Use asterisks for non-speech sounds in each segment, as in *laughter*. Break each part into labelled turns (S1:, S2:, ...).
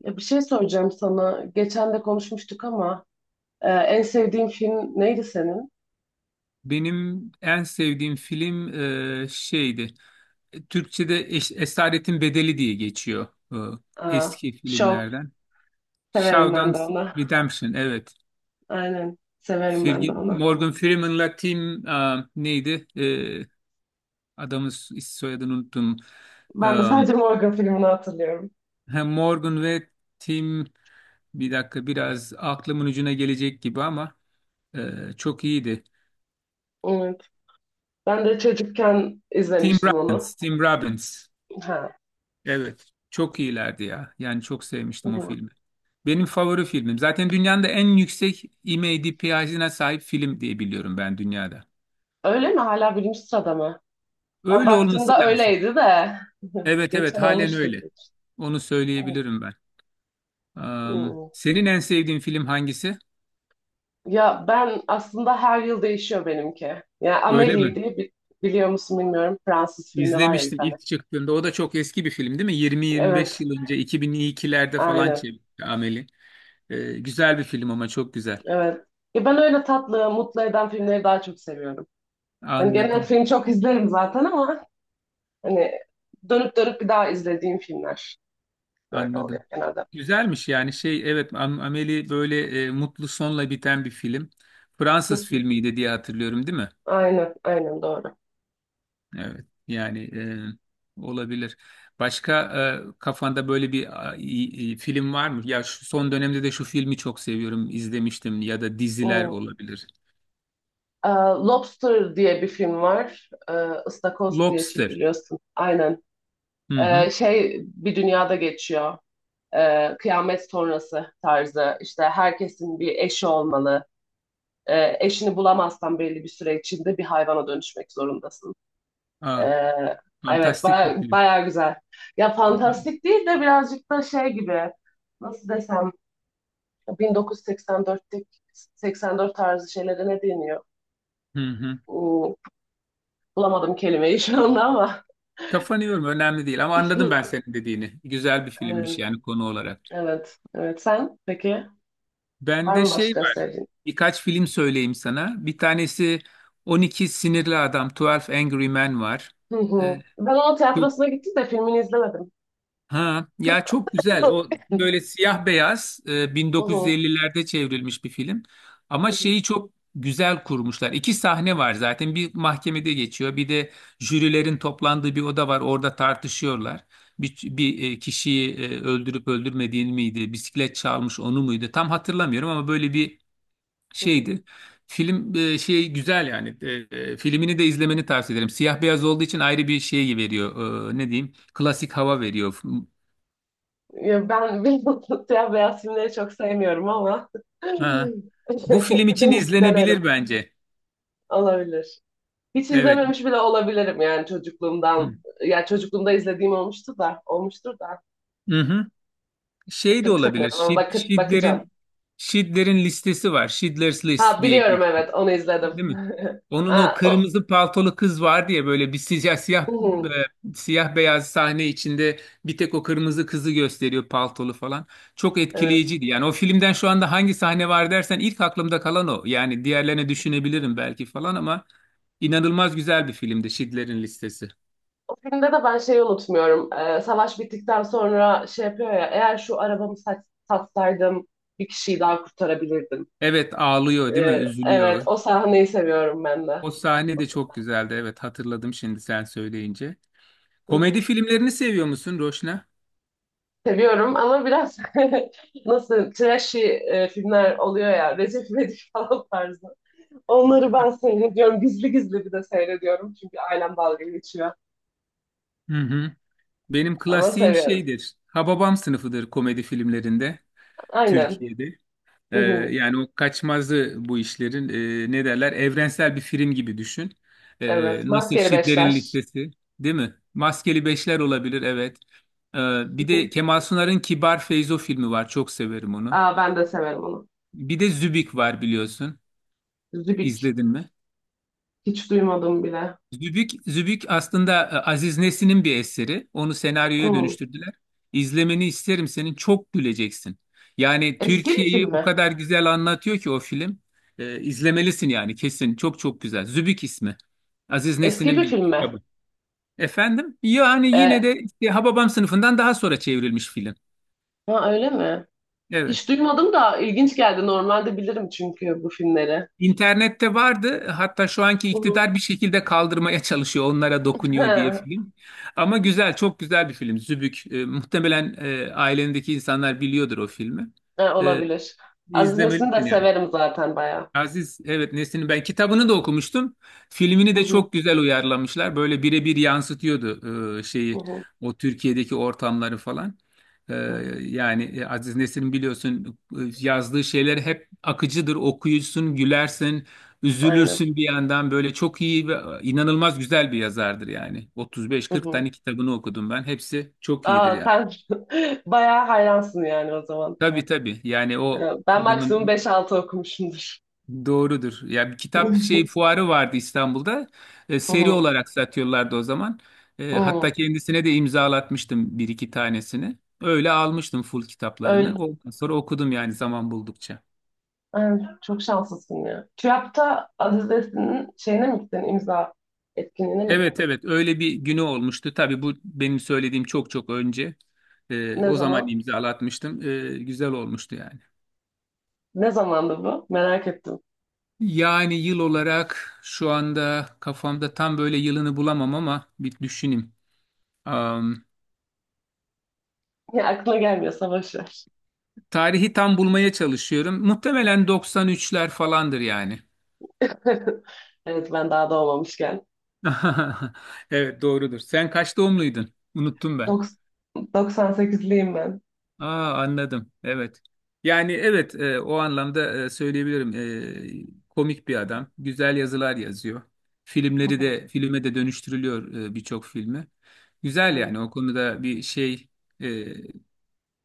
S1: Ya bir şey soracağım sana. Geçen de konuşmuştuk ama en sevdiğin film neydi senin?
S2: Benim en sevdiğim film şeydi. Türkçe'de Esaretin Bedeli diye geçiyor e,
S1: E,
S2: eski
S1: Show.
S2: filmlerden.
S1: Severim ben de
S2: Shawshank
S1: onu.
S2: Redemption, evet.
S1: Aynen. Severim ben de onu.
S2: Morgan Freeman'la Tim neydi? Adamın soyadını unuttum. E,
S1: Ben de sadece Morgan filmini hatırlıyorum.
S2: Hem Morgan ve Tim, bir dakika, biraz aklımın ucuna gelecek gibi ama çok iyiydi.
S1: Evet. Ben de çocukken
S2: Tim
S1: izlemiştim onu.
S2: Robbins, Tim Robbins.
S1: Ha.
S2: Evet, çok iyilerdi ya. Yani çok
S1: Hı
S2: sevmiştim o
S1: hı.
S2: filmi. Benim favori filmim. Zaten dünyanın da en yüksek IMDb'sine sahip film diye biliyorum ben, dünyada.
S1: Öyle mi? Hala birinci sırada mı? Ben
S2: Öyle olması
S1: baktığımda
S2: lazım.
S1: öyleydi de. *laughs*
S2: Evet evet,
S1: Geçen
S2: halen
S1: olmuştur
S2: öyle.
S1: diye düşündüm.
S2: Onu söyleyebilirim ben.
S1: Hı. Hı.
S2: Senin en sevdiğin film hangisi?
S1: Ya ben aslında her yıl değişiyor benimki. Ya
S2: Öyle
S1: Amélie
S2: mi?
S1: diye biliyor musun bilmiyorum. Fransız filmi var ya bir
S2: İzlemiştim
S1: tane.
S2: ilk çıktığında. O da çok eski bir film değil mi? 20-25
S1: Evet,
S2: yıl önce, 2002'lerde falan
S1: aynen.
S2: çekti Amel'i. Güzel bir film ama, çok güzel.
S1: Evet. Ya ben öyle tatlı, mutlu eden filmleri daha çok seviyorum. Hani genel
S2: Anladım.
S1: film çok izlerim zaten ama hani dönüp dönüp bir daha izlediğim filmler böyle oluyor
S2: Anladım.
S1: genelde. *laughs*
S2: Güzelmiş yani, şey, evet Amélie böyle mutlu sonla biten bir film.
S1: Hı
S2: Fransız
S1: hı.
S2: filmiydi diye hatırlıyorum, değil mi?
S1: Aynen, aynen doğru.
S2: Evet yani, olabilir. Başka kafanda böyle bir film var mı? Ya şu son dönemde de şu filmi çok seviyorum izlemiştim, ya da diziler
S1: Hmm.
S2: olabilir.
S1: Ee, Lobster diye bir film var. Istakoz diye
S2: Lobster.
S1: çeviriyorsun. Aynen.
S2: Hı hı.
S1: Şey bir dünyada geçiyor. Kıyamet sonrası tarzı işte herkesin bir eşi olmalı. Eşini bulamazsan belli bir süre içinde bir hayvana dönüşmek zorundasın. E,
S2: Aa,
S1: evet
S2: fantastik bir
S1: baya,
S2: film.
S1: baya güzel. Ya fantastik değil de birazcık da şey gibi nasıl desem 1984'teki 84 tarzı şeylere ne deniyor?
S2: Hı hı.
S1: Hmm, Bulamadım kelimeyi şu anda ama.
S2: Kafanı yorma, önemli değil, ama anladım ben
S1: *laughs*
S2: senin dediğini. Güzel bir filmmiş
S1: Evet,
S2: yani konu olarak.
S1: evet, evet. Sen peki var
S2: Bende
S1: mı
S2: şey
S1: başka
S2: var.
S1: sevdiğin?
S2: Birkaç film söyleyeyim sana. Bir tanesi 12 Sinirli Adam, 12 Angry Men var.
S1: Hı
S2: Ee,
S1: hı. Ben onun
S2: çok
S1: tiyatrosuna gittim de filmini izlemedim.
S2: ha ya, çok güzel. O
S1: *laughs*
S2: böyle siyah beyaz,
S1: Hı hı,
S2: 1950'lerde çevrilmiş bir film.
S1: hı
S2: Ama
S1: hı,
S2: şeyi çok güzel kurmuşlar. İki sahne var zaten. Bir mahkemede geçiyor. Bir de jürilerin toplandığı bir oda var. Orada tartışıyorlar. Bir kişiyi öldürüp öldürmediğini miydi? Bisiklet çalmış, onu muydu? Tam hatırlamıyorum ama böyle bir
S1: hı hı.
S2: şeydi. Film şey güzel yani. Filmini de izlemeni tavsiye ederim. Siyah beyaz olduğu için ayrı bir şey veriyor. Ne diyeyim? Klasik hava veriyor.
S1: Ya ben *laughs* bilmiyorum, siyah beyaz filmleri çok sevmiyorum ama *laughs*
S2: Ha. Bu film için
S1: denerim.
S2: izlenebilir bence.
S1: Olabilir. Hiç
S2: Evet.
S1: izlememiş bile olabilirim yani çocukluğumdan.
S2: Hı.
S1: Ya çocukluğumda izlediğim olmuştu da, olmuştur da
S2: Hı-hı. Şey de
S1: pek
S2: olabilir.
S1: sevmiyorum ama
S2: Şid,
S1: bakacağım.
S2: Şidler'in Şidler'in listesi var. Schindler's List
S1: Ha
S2: diye
S1: biliyorum,
S2: geçiyor.
S1: evet, onu
S2: Değil
S1: izledim.
S2: mi?
S1: *laughs*
S2: Onun o
S1: Ha, o,
S2: kırmızı paltolu kız var diye, böyle bir
S1: hı hı,
S2: siyah beyaz sahne içinde bir tek o kırmızı kızı gösteriyor, paltolu falan. Çok
S1: evet.
S2: etkileyiciydi. Yani o filmden şu anda hangi sahne var dersen, ilk aklımda kalan o. Yani diğerlerini düşünebilirim belki falan ama, inanılmaz güzel bir filmdi Schindler'in Listesi.
S1: O filmde de ben şeyi unutmuyorum. Savaş bittikten sonra şey yapıyor ya, eğer şu arabamı sat, satsaydım bir kişiyi daha kurtarabilirdim.
S2: Evet, ağlıyor değil mi?
S1: Evet,
S2: Üzülüyor.
S1: o sahneyi seviyorum ben de.
S2: O sahne de çok güzeldi. Evet, hatırladım şimdi sen söyleyince.
S1: Hı
S2: Komedi
S1: hı.
S2: filmlerini seviyor musun Roşna?
S1: Seviyorum ama biraz *laughs* nasıl trashy filmler oluyor ya, Recep İvedik *laughs* falan tarzı. Onları ben seyrediyorum. Gizli gizli bir de seyrediyorum. Çünkü ailem dalga geçiyor.
S2: Hı hı. Benim
S1: Ama
S2: klasiğim
S1: seviyorum.
S2: şeydir, Hababam Sınıfıdır komedi filmlerinde,
S1: Aynen.
S2: Türkiye'de. Ee,
S1: Hı hı.
S2: Yani o kaçmazı bu işlerin, ne derler, evrensel bir film gibi düşün.
S1: Evet.
S2: Nasıl
S1: Maskeli
S2: Şitlerin
S1: Beşler.
S2: Listesi değil mi? Maskeli Beşler olabilir, evet. Bir de
S1: *laughs*
S2: Kemal Sunar'ın Kibar Feyzo filmi var, çok severim onu.
S1: Aa, ben de severim onu.
S2: Bir de Zübük var biliyorsun.
S1: Zübük.
S2: İzledin mi?
S1: Hiç duymadım bile.
S2: Zübük, Zübük aslında Aziz Nesin'in bir eseri. Onu senaryoya
S1: Hı.
S2: dönüştürdüler. İzlemeni isterim senin. Çok güleceksin. Yani
S1: Eski bir
S2: Türkiye'yi
S1: film
S2: o
S1: mi?
S2: kadar güzel anlatıyor ki o film. İzlemelisin yani kesin. Çok çok güzel. Zübük ismi. Aziz
S1: Eski
S2: Nesin'in
S1: bir
S2: bir
S1: film mi?
S2: kitabı. Efendim? Yani yine
S1: Ee,
S2: de işte Hababam Sınıfından daha sonra çevrilmiş film.
S1: ha, öyle mi?
S2: Evet.
S1: Hiç duymadım da ilginç geldi. Normalde bilirim çünkü bu filmleri.
S2: İnternette vardı. Hatta şu anki
S1: Hı hı.
S2: iktidar bir şekilde kaldırmaya çalışıyor. Onlara
S1: *laughs*
S2: dokunuyor diye
S1: Ha,
S2: film. Ama güzel, çok güzel bir film, Zübük. Muhtemelen ailendeki insanlar biliyordur o filmi.
S1: ha,
S2: E,
S1: olabilir. Aziz de
S2: izlemelisin yani.
S1: severim zaten bayağı.
S2: Aziz, evet, Nesin'in ben kitabını da okumuştum. Filmini
S1: Hı
S2: de
S1: hı,
S2: çok güzel uyarlamışlar. Böyle birebir yansıtıyordu
S1: hı
S2: şeyi,
S1: hı,
S2: o Türkiye'deki ortamları falan. E,
S1: hı hı.
S2: Yani Aziz Nesin biliyorsun, yazdığı şeyler hep akıcıdır. Okuyucusun, gülersin,
S1: Aynen.
S2: üzülürsün bir yandan. Böyle çok iyi ve inanılmaz güzel bir yazardır yani.
S1: Hı
S2: 35-40
S1: hı.
S2: tane kitabını okudum ben. Hepsi çok iyidir
S1: Aa,
S2: yani.
S1: sen *laughs* bayağı hayransın yani o zaman.
S2: Tabii tabii. Yani o
S1: Ya, ben maksimum
S2: adamın.
S1: beş altı okumuşumdur.
S2: Doğrudur. Ya, bir kitap
S1: *laughs*
S2: şey fuarı vardı İstanbul'da.
S1: Hı
S2: Seri
S1: hı,
S2: olarak satıyorlardı o zaman.
S1: hı.
S2: Hatta kendisine de imzalatmıştım bir iki tanesini. Öyle almıştım full
S1: Öyle.
S2: kitaplarını. Ondan sonra okudum yani, zaman buldukça.
S1: Ha, çok şanslısın ya. TÜYAP'ta Aziz Nesin'in şeyine mi gittin? İmza etkinliğine mi
S2: Evet
S1: gittin?
S2: evet, öyle bir günü olmuştu. Tabii bu benim söylediğim çok çok önce.
S1: Ne
S2: O zaman
S1: zaman?
S2: imzalatmıştım. Güzel olmuştu yani.
S1: Ne zamandı bu? Merak ettim.
S2: Yani yıl olarak şu anda kafamda tam böyle yılını bulamam ama, bir düşüneyim.
S1: Ya aklına gelmiyorsa boş ver.
S2: Tarihi tam bulmaya çalışıyorum. Muhtemelen 93'ler falandır yani.
S1: *laughs* Evet, ben daha doğmamışken.
S2: *laughs* Evet, doğrudur. Sen kaç doğumluydun? Unuttum ben.
S1: Doks- 98'liyim ben.
S2: Aa, anladım. Evet. Yani evet, o anlamda söyleyebilirim. Komik bir adam. Güzel yazılar yazıyor.
S1: Hı
S2: Filmleri
S1: hı,
S2: de filme de dönüştürülüyor, birçok filmi. Güzel
S1: evet.
S2: yani, o konuda bir şey e,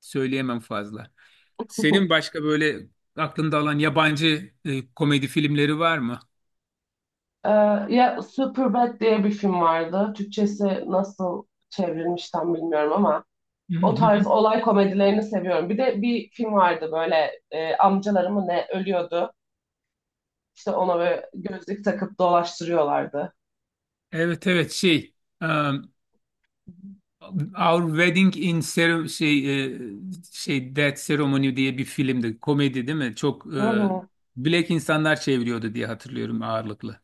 S2: söyleyemem fazla. Senin
S1: *laughs*
S2: başka böyle aklında olan yabancı komedi filmleri var mı?
S1: Ee, Ya Superbad diye bir film vardı. Türkçesi nasıl çevrilmiş tam bilmiyorum ama o tarz
S2: *laughs*
S1: olay komedilerini seviyorum. Bir de bir film vardı böyle amcaları mı ne ölüyordu. İşte ona böyle gözlük takıp dolaştırıyorlardı.
S2: Evet evet, şey, um, Our Wedding in Cere- şey e, şey Death Ceremony diye bir filmdi. Komedi, değil mi? Çok
S1: Hı hı.
S2: Black insanlar çeviriyordu diye hatırlıyorum, ağırlıklı.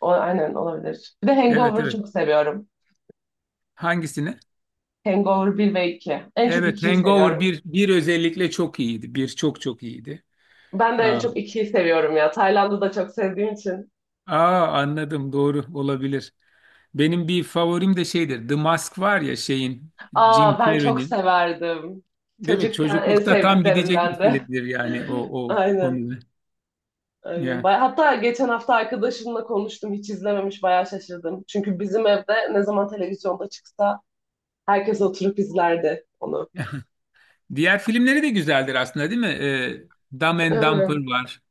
S1: O, aynen olabilir. Bir de
S2: Evet
S1: Hangover'ı
S2: evet.
S1: çok seviyorum.
S2: Hangisini?
S1: Hangover bir ve iki. En çok
S2: Evet,
S1: ikiyi
S2: Hangover
S1: seviyorum.
S2: bir özellikle çok iyiydi. Bir, çok çok iyiydi.
S1: Ben de en
S2: Aa,
S1: çok ikiyi seviyorum ya. Tayland'ı da çok sevdiğim için.
S2: aa, anladım, doğru olabilir. Benim bir favorim de şeydir. The Mask var ya, şeyin, Jim
S1: Aa, ben çok
S2: Carrey'nin,
S1: severdim.
S2: değil mi?
S1: Çocukken en
S2: Çocuklukta tam gidecek bir
S1: sevdiklerimden de.
S2: filmdir yani, o
S1: *laughs*
S2: o
S1: Aynen.
S2: konuda.
S1: Aynen.
S2: Ya.
S1: Hatta geçen hafta arkadaşımla konuştum. Hiç izlememiş. Bayağı şaşırdım. Çünkü bizim evde ne zaman televizyonda çıksa herkes oturup izlerdi onu.
S2: *laughs* Diğer filmleri de güzeldir aslında, değil mi? Dumb and
S1: Aynen.
S2: Dumber var.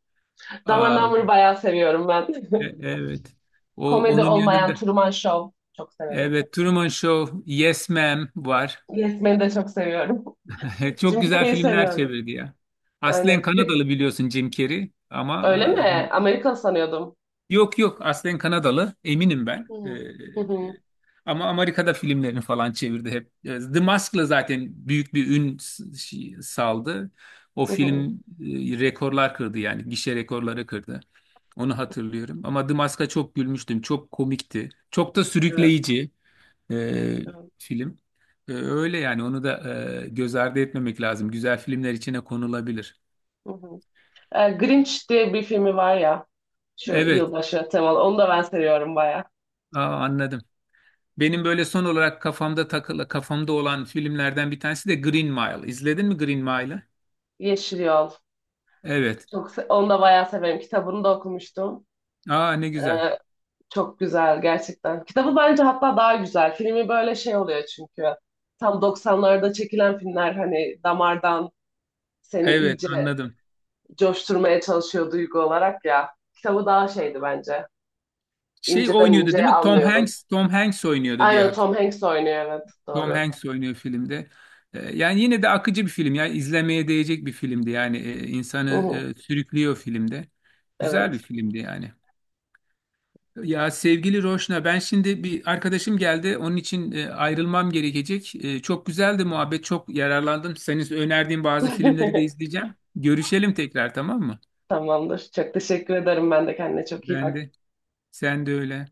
S1: Dumb and
S2: Aa,
S1: Dumber bayağı seviyorum ben.
S2: evet.
S1: *laughs*
S2: O
S1: Komedi
S2: onun
S1: olmayan
S2: yanında.
S1: Truman Show çok severim.
S2: Evet, Truman Show, Yes Ma'am var.
S1: Yes Man'i de çok seviyorum.
S2: *laughs*
S1: *laughs*
S2: Çok
S1: Jim
S2: güzel
S1: Carrey'i
S2: filmler
S1: seviyorum.
S2: çevirdi ya. Aslen
S1: Aynen.
S2: Kanadalı biliyorsun Jim Carrey ama
S1: Öyle mi?
S2: hani.
S1: Amerikan sanıyordum.
S2: Yok yok, aslen Kanadalı, eminim ben.
S1: Hmm. Hı hı
S2: Ama Amerika'da filmlerini falan çevirdi hep. The Mask'la zaten büyük bir ün saldı. O
S1: hı. Hı.
S2: film rekorlar kırdı yani, gişe rekorları kırdı. Onu hatırlıyorum. Ama The Mask'a çok gülmüştüm. Çok komikti. Çok da
S1: Evet.
S2: sürükleyici e,
S1: Evet.
S2: film. Öyle yani, onu da göz ardı etmemek lazım. Güzel filmler içine konulabilir.
S1: Hı hı. Grinch diye bir filmi var ya, şu
S2: Evet.
S1: yılbaşı temalı. Onu da ben seviyorum baya.
S2: Aa, anladım. Benim böyle son olarak kafamda takılı, kafamda olan filmlerden bir tanesi de Green Mile. İzledin mi Green Mile'ı?
S1: Yeşil Yol.
S2: Evet.
S1: Onu da bayağı severim. Kitabını da okumuştum.
S2: Aa, ne güzel.
S1: Ee, Çok güzel gerçekten. Kitabı bence hatta daha güzel. Filmi böyle şey oluyor çünkü. Tam doksanlarda çekilen filmler hani damardan seni
S2: Evet,
S1: iyice
S2: anladım.
S1: coşturmaya çalışıyor duygu olarak ya. Kitabı daha şeydi bence.
S2: Şey
S1: İnceden
S2: oynuyordu,
S1: inceye
S2: değil mi? Tom
S1: anlıyordun.
S2: Hanks, Tom Hanks oynuyordu diye
S1: Aynen, Tom
S2: hatırlıyorum.
S1: Hanks oynuyor, evet,
S2: Tom
S1: doğru.
S2: Hanks oynuyor filmde. Yani yine de akıcı bir film. Yani izlemeye değecek bir filmdi. Yani insanı
S1: Hı hı,
S2: sürüklüyor filmde. Güzel bir
S1: evet.
S2: filmdi yani. Ya sevgili Roşna, ben şimdi, bir arkadaşım geldi. Onun için ayrılmam gerekecek. Çok güzeldi muhabbet, çok yararlandım. Senin önerdiğin bazı filmleri de
S1: *laughs*
S2: izleyeceğim. Görüşelim tekrar, tamam mı?
S1: Tamamdır. Çok teşekkür ederim. Ben de kendine çok iyi
S2: Ben
S1: bak.
S2: de, sen de öyle.